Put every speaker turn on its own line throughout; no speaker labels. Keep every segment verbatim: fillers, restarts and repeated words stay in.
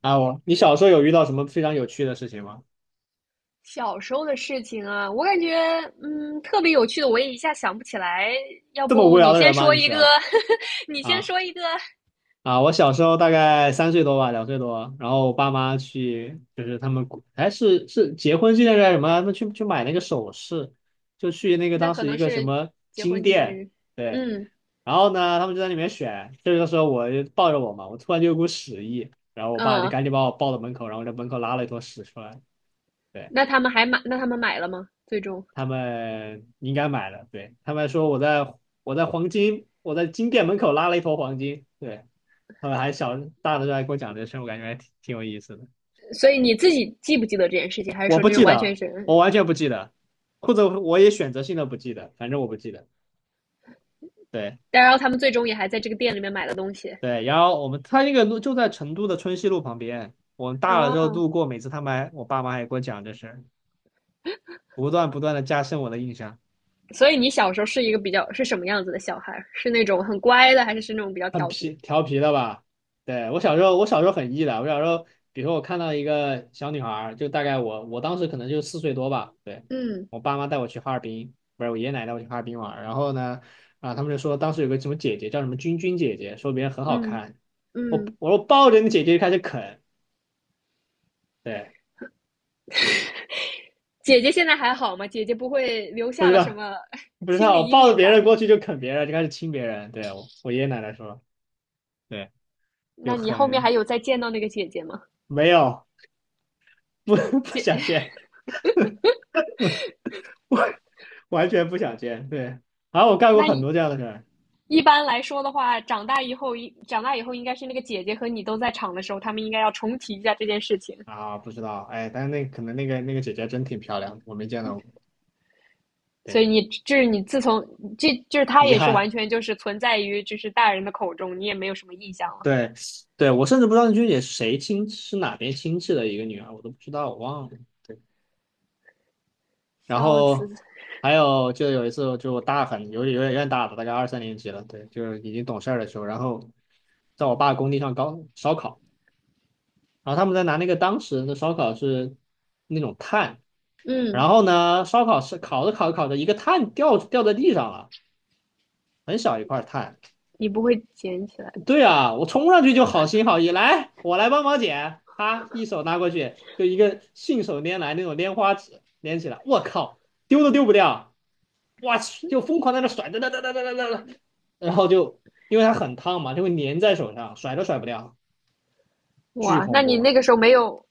啊，我，你小时候有遇到什么非常有趣的事情吗？
小时候的事情啊，我感觉嗯特别有趣的，我也一下想不起来。要
这么
不
无聊
你
的
先
人吗？
说
你
一
是
个，
啊。
你先说一个，
啊！我小时候大概三岁多吧，两岁多，然后我爸妈去，就是他们哎是是结婚纪念日还是什么，他们去去买那个首饰，就去那个
那
当
可
时一
能
个什
是
么
结
金
婚纪念
店，
日。
对，
嗯
然后呢他们就在里面选，这个时候我就抱着我嘛，我突然就有股屎意，然后我爸就
嗯，
赶紧把我抱到门口，然后在门口拉了一坨屎出来。对。
那他们还买，那他们买了吗？最终，
他们应该买了，对，他们说我在我在黄金我在金店门口拉了一坨黄金，对，他们还小大的时候还跟我讲这事，我感觉还挺挺有意思的。
所以你自己记不记得这件事情，还是
我
说
不
这是
记
完全
得，
是？
我完全不记得，或者我也选择性的不记得，反正我不记得。对
但然后他们最终也还在这个店里面买了东西。
对，然后我们他那个路就在成都的春熙路旁边，我们大了之后
哦，
路过，每次他们还我爸妈还给我讲这事儿，不断不断的加深我的印象。
所以你小时候是一个比较是什么样子的小孩儿？是那种很乖的，还是是那种比较
很
调皮的。
皮调皮的吧？对，我小时候，我小时候很 E 的。我小时候，比如说我看到一个小女孩儿，就大概我我当时可能就四岁多吧。对，
嗯
我爸妈带我去哈尔滨，不是我爷爷奶奶带我去哈尔滨玩儿。然后呢，啊，他们就说当时有个什么姐姐叫什么君君姐姐，说别人很好
嗯
看。我
嗯。
我说抱着你姐姐就开始啃，对，
姐姐现在还好吗？姐姐不会留
不
下
知
了什
道
么
不知
心
道，
理
我
阴
抱着
影
别
吧？
人过去就啃别人，就开始亲别人。对，我我爷爷奶奶说，对，就
那你后面
很
还有再见到那个姐姐吗？
没有不 不想骗我。完全不想见。对，啊，我干过
那
很
一
多这样的事儿。
般来说的话，长大以后，长大以后应该是那个姐姐和你都在场的时候，他们应该要重提一下这件事情。
啊，不知道，哎，但是那可能那个那个姐姐真挺漂亮的，我没见到过，
所
对，
以你就是你自从这就是他
遗
也是
憾。
完全就是存在于就是大人的口中，你也没有什么印象了。
对，对，我甚至不知道那学姐是谁亲，是哪边亲戚的一个女儿，我都不知道，我忘了。对，然
笑死。
后还有就有一次，就我大很有点有点有点大了，大概二三年级了，对，就是已经懂事儿的时候，然后在我爸工地上搞烧烤，然后他们在拿那个当时的烧烤是那种炭。然
嗯，
后呢，烧烤是烤着烤着烤着，一个碳掉掉在地上了，很小一块碳。
你不会捡起来。
对啊，我冲上去就好心好意，来，我来帮忙捡。他一手拿过去，就一个信手拈来那种拈花指拈起来，我靠，丢都丢不掉，我去，就疯狂在那甩，哒哒哒哒哒哒哒，然后就因为它很烫嘛，就会粘在手上，甩都甩不掉，巨
哇？
恐
那你
怖。
那个时候没有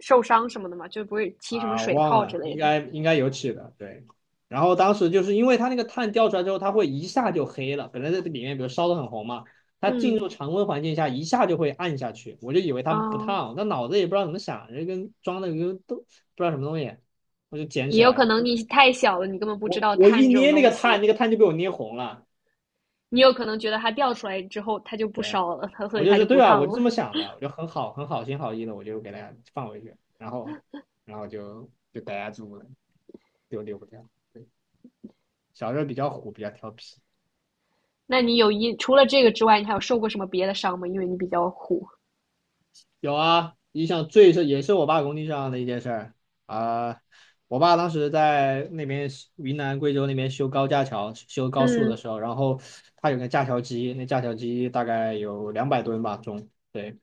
受伤什么的吗？就不会起什么
啊，
水
忘
泡之
了，应
类的？
该应该有起的，对。然后当时就是因为它那个碳掉出来之后，它会一下就黑了。本来在这里面，比如烧得很红嘛，它进入
嗯。
常温环境下一下就会暗下去。我就以为它不
哦。
烫，但脑子也不知道怎么想，就跟装的跟都不知道什么东西，我就捡起
也有可
来，
能你太小了，你根本不知
我
道
我
碳
一
这
捏
种
那
东
个
西，
碳，那个碳就被我捏红了。
你有可能觉得它掉出来之后它就不
对，
烧了，它所
我
以
就
它就
是对
不
吧？
烫
我就
了。
这么想的，我就很好很好心好意的，我就给大家放回去，然后然后就就逮家住了，就丢不掉。对，小时候比较虎，比较调皮。
那你有一，除了这个之外，你还有受过什么别的伤吗？因为你比较虎。
有啊，印象最是也是我爸工地上的一件事儿。啊、我爸当时在那边云南贵州那边修高架桥、修高速的
嗯
时候，然后他有个架桥机，那架桥机大概有两百吨吧重，对。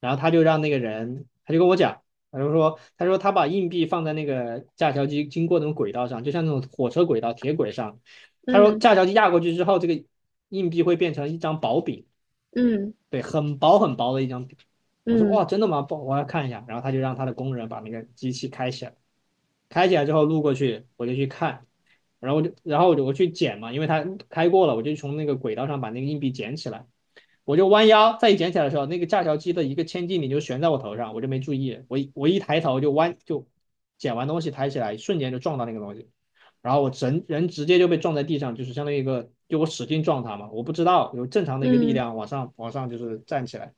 然后他就让那个人，他就跟我讲，他就说，他说他把硬币放在那个架桥机经过那种轨道上，就像那种火车轨道、铁轨上。他说
嗯
架桥机压过去之后，这个硬币会变成一张薄饼。
嗯
对，很薄很薄的一张纸。我说哇，
嗯
真的吗？不，我要看一下。然后他就让他的工人把那个机器开起来。开起来之后路过去，我就去看，然后我就然后我就我去捡嘛，因为它开过了，我就从那个轨道上把那个硬币捡起来，我就弯腰再一捡起来的时候，那个架桥机的一个千斤顶就悬在我头上，我就没注意，我我一抬头就弯就捡完东西抬起来，瞬间就撞到那个东西，然后我人人直接就被撞在地上，就是相当于一个就我使劲撞它嘛，我不知道有正常的一个力
嗯
量往上往上就是站起来。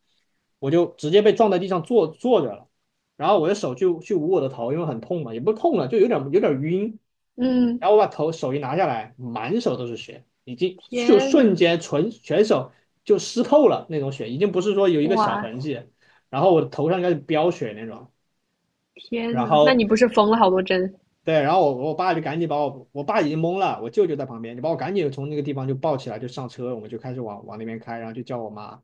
我就直接被撞在地上坐坐着了，然后我的手去去捂我的头，因为很痛嘛，也不痛了，就有点有点晕。
嗯。
然后我把头手一拿下来，满手都是血，已经就
天呐，
瞬间全全手就湿透了那种血，已经不是说有一个小
哇，
痕迹。然后我头上应该是飙血那种，
天
然
呐，那
后
你不是缝了好多针？
对，然后我我爸就赶紧把我，我爸已经懵了，我舅舅在旁边，就把我赶紧从那个地方就抱起来，就上车，我们就开始往往那边开，然后就叫我妈，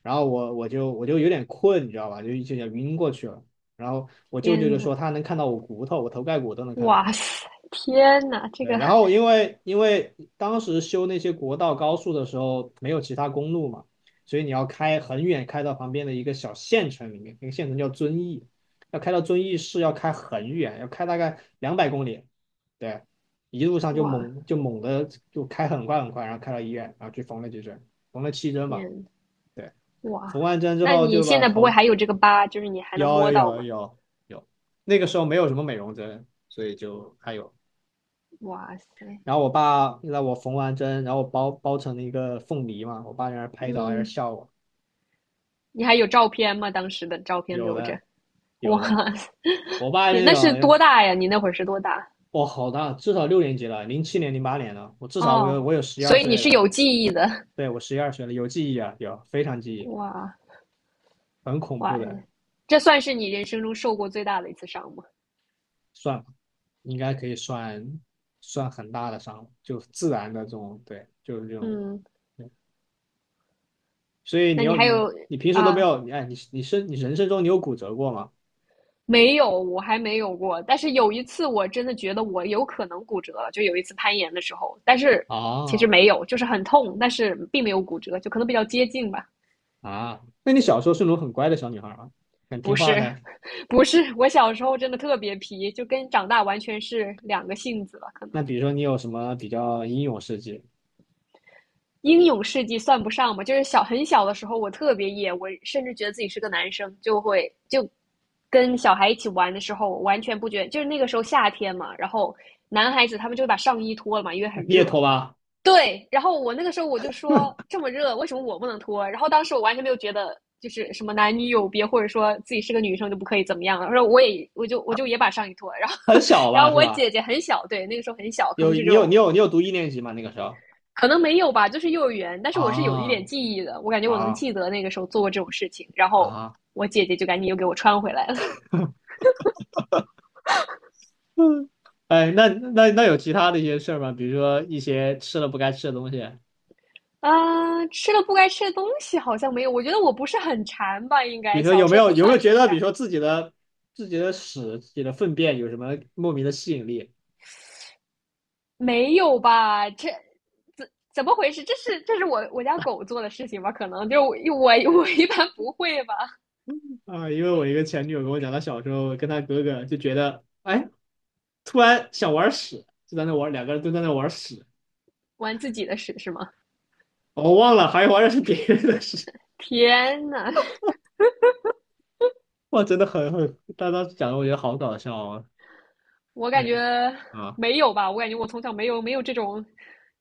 然后我我就我就有点困，你知道吧，就就想晕过去了，然后我舅舅
天
就
呐，
说他能看到我骨头，我头盖骨都能看到，
哇塞，天呐，这
对，
个，
然后因为因为当时修那些国道高速的时候没有其他公路嘛，所以你要开很远，开到旁边的一个小县城里面，那个县城叫遵义，要开到遵义市要开很远，要开大概两百公里，对，一路上就
哇，
猛就猛的就开很快很快，然后开到医院，然后去缝了几针，缝了七针吧，
天，
对，
哇，
缝完针之
那
后
你
就
现
把
在不会
头
还有这个疤，就是你还能
有
摸
有
到
有
吗？
有有，那个时候没有什么美容针，所以就还有
哇塞。
然后我爸让我缝完针，然后我包包成了一个凤梨嘛，我爸在那儿拍照，在那
嗯
笑我。
你还有照片吗？当时的照片
有
留着。
的，有的，
哇塞，
我爸
天，
那
那是
种，
多大呀？你那会儿是多大？
我好大，至少六年级了，零七年、零八年了，我至少我有
哦，
我有十一
所
二
以你
岁
是
了，
有记忆的。
对，我十一二岁了，有记忆啊，有非常记忆，
哇，
很恐怖
哇塞，
的，
这算是你人生中受过最大的一次伤吗？
算吧，应该可以算算很大的伤，就自然的这种，对，就是这种，
嗯，
对，所以你
那你
要
还
你
有
你平时都没
啊？
有，你哎，你你生你人生中你有骨折过吗？
没有，我还没有过。但是有一次，我真的觉得我有可能骨折了，就有一次攀岩的时候，但是其实
啊，
没有，就是很痛，但是并没有骨折，就可能比较接近吧。
啊，那你小时候是那种很乖的小女孩吗？很
不
听话
是，
的？
不是，我小时候真的特别皮，就跟长大完全是两个性子了。可能
那比如说你有什么比较英勇事迹？
英勇事迹算不上吧，就是小很小的时候，我特别野，我甚至觉得自己是个男生，就会就跟小孩一起玩的时候，我完全不觉得就是那个时候夏天嘛，然后男孩子他们就会把上衣脱了嘛，因为
那
很
你也
热，
拖吧，
对，然后我那个时候我就说这么热，为什么我不能脱？然后当时我完全没有觉得就是什么男女有别，或者说自己是个女生就不可以怎么样了。然后我也我就我就也把上衣脱了。然后
很小
然
吧，
后
是
我
吧？
姐姐很小，对，那个时候很小，可
有
能就
你
只
有
有
你有你有读一年级吗？那个时候？
可能没有吧，就是幼儿园。但是我是有一
啊
点记忆的，我感觉我能
啊
记得那个时候做过这种事情。然后
啊！
我姐姐就赶紧又给我穿回来了。
嗯，哎，那那那有其他的一些事儿吗？比如说一些吃了不该吃的东西，
啊，吃了不该吃的东西好像没有，我觉得我不是很馋吧，应
比
该
如说
小
有没
时候
有
不
有
算
没有
是
觉
很
得，比
馋。
如说自己的自己的屎、自己的粪便有什么莫名的吸引力？
没有吧？这怎怎么回事？这是这是我我家狗做的事情吧？可能就我我一般不会吧？
啊，因为我一个前女友跟我讲，她小时候跟她哥哥就觉得，哎，突然想玩屎，就在那玩，两个人都在那玩屎，
玩自己的屎是吗？
我忘了，还玩的是别人的屎，
天呐，
哇，真的很很，她当时讲的我觉得好搞笑啊，
我感觉
对啊
没有吧？我感觉我从小没有没有这种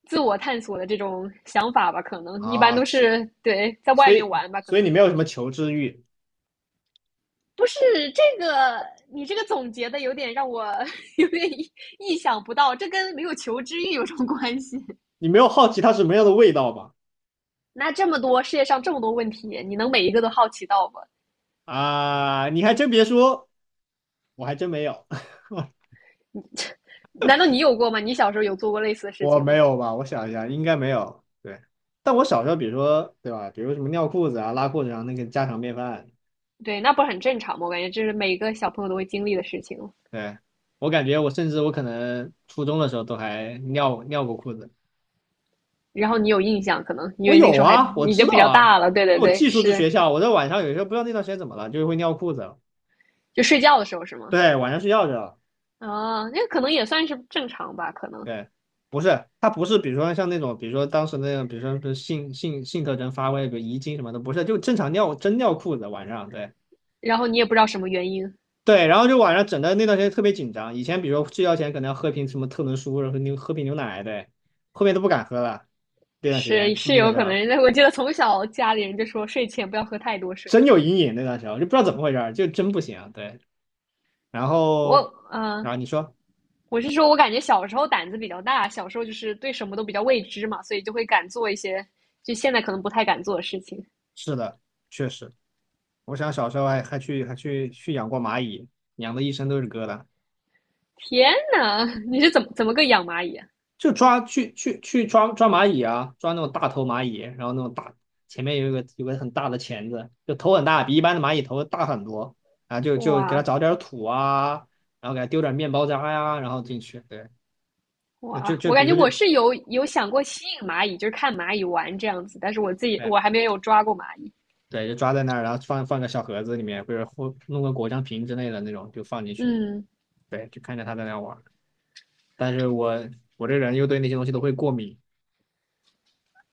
自我探索的这种想法吧？可能一般
啊，
都
去，
是对在
所
外面
以
玩吧？可
所以
能
你没有什么求知欲，
不是这个，你这个总结的有点让我 有点意想不到，这跟没有求知欲有什么关系？
你没有好奇它什么样的味道吧？
那这么多世界上这么多问题，你能每一个都好奇到吗？
啊，你还真别说，我还真没有，
难道你有过吗？你小时候有做过类似的 事
我
情
没
吗？
有吧？我想一下，应该没有。对。但我小时候，比如说，对吧？比如什么尿裤子啊、拉裤子上那个家常便饭，
对，那不是很正常吗？我感觉这是每个小朋友都会经历的事情。
对，我感觉我甚至我可能初中的时候都还尿尿过裤子，
然后你有印象，可能因
我
为那
有
时候还
啊，我
你
知
就比
道
较
啊，
大了。对对
因为我
对。
寄宿制
是，
学校，我在晚上有时候不知道那段时间怎么了，就会尿裤子，
就睡觉的时候是吗？
对，晚上睡觉去了，
啊，那可能也算是正常吧，可能。
对，不是，他不是，比如说像那种，比如说当时那样，比如说是性性性特征发威，比如遗精什么的，不是，就正常尿真尿裤子晚上，对
然后你也不知道什么原因，
对，然后就晚上整的那段时间特别紧张，以前比如说睡觉前可能要喝瓶什么特仑苏，然后牛喝瓶牛奶，对，后面都不敢喝了，这段时间
是
初
是
一的
有
时
可
候。
能。我记得从小家里人就说睡前不要喝太多水
真
之
有
类的。
阴影那段时间，我就不知道怎么回事就真不行。啊。对，然后，
我嗯、
然
呃
后你说
我是说，我感觉小时候胆子比较大，小时候就是对什么都比较未知嘛，所以就会敢做一些就现在可能不太敢做的事情。
是的，确实，我想小时候还还去还去去养过蚂蚁，养的一身都是疙瘩，
天呐，你是怎么怎么个养蚂蚁啊？
就抓去去去抓抓蚂蚁啊，抓那种大头蚂蚁，然后那种大前面有一个有个很大的钳子，就头很大，比一般的蚂蚁头大很多，啊。就就给它
哇，
找点土啊，然后给它丢点面包渣呀、然后进去，对，就
哇，
就
我
比
感觉
如说
我
就。
是有有想过吸引蚂蚁，就是看蚂蚁玩这样子，但是我自己
对
我还没有抓过蚂蚁。
对，就抓在那儿，然后放放个小盒子里面，或者或弄个果酱瓶之类的那种，就放进去。
嗯，
对，就看着他在那玩儿。但是我我这人又对那些东西都会过敏，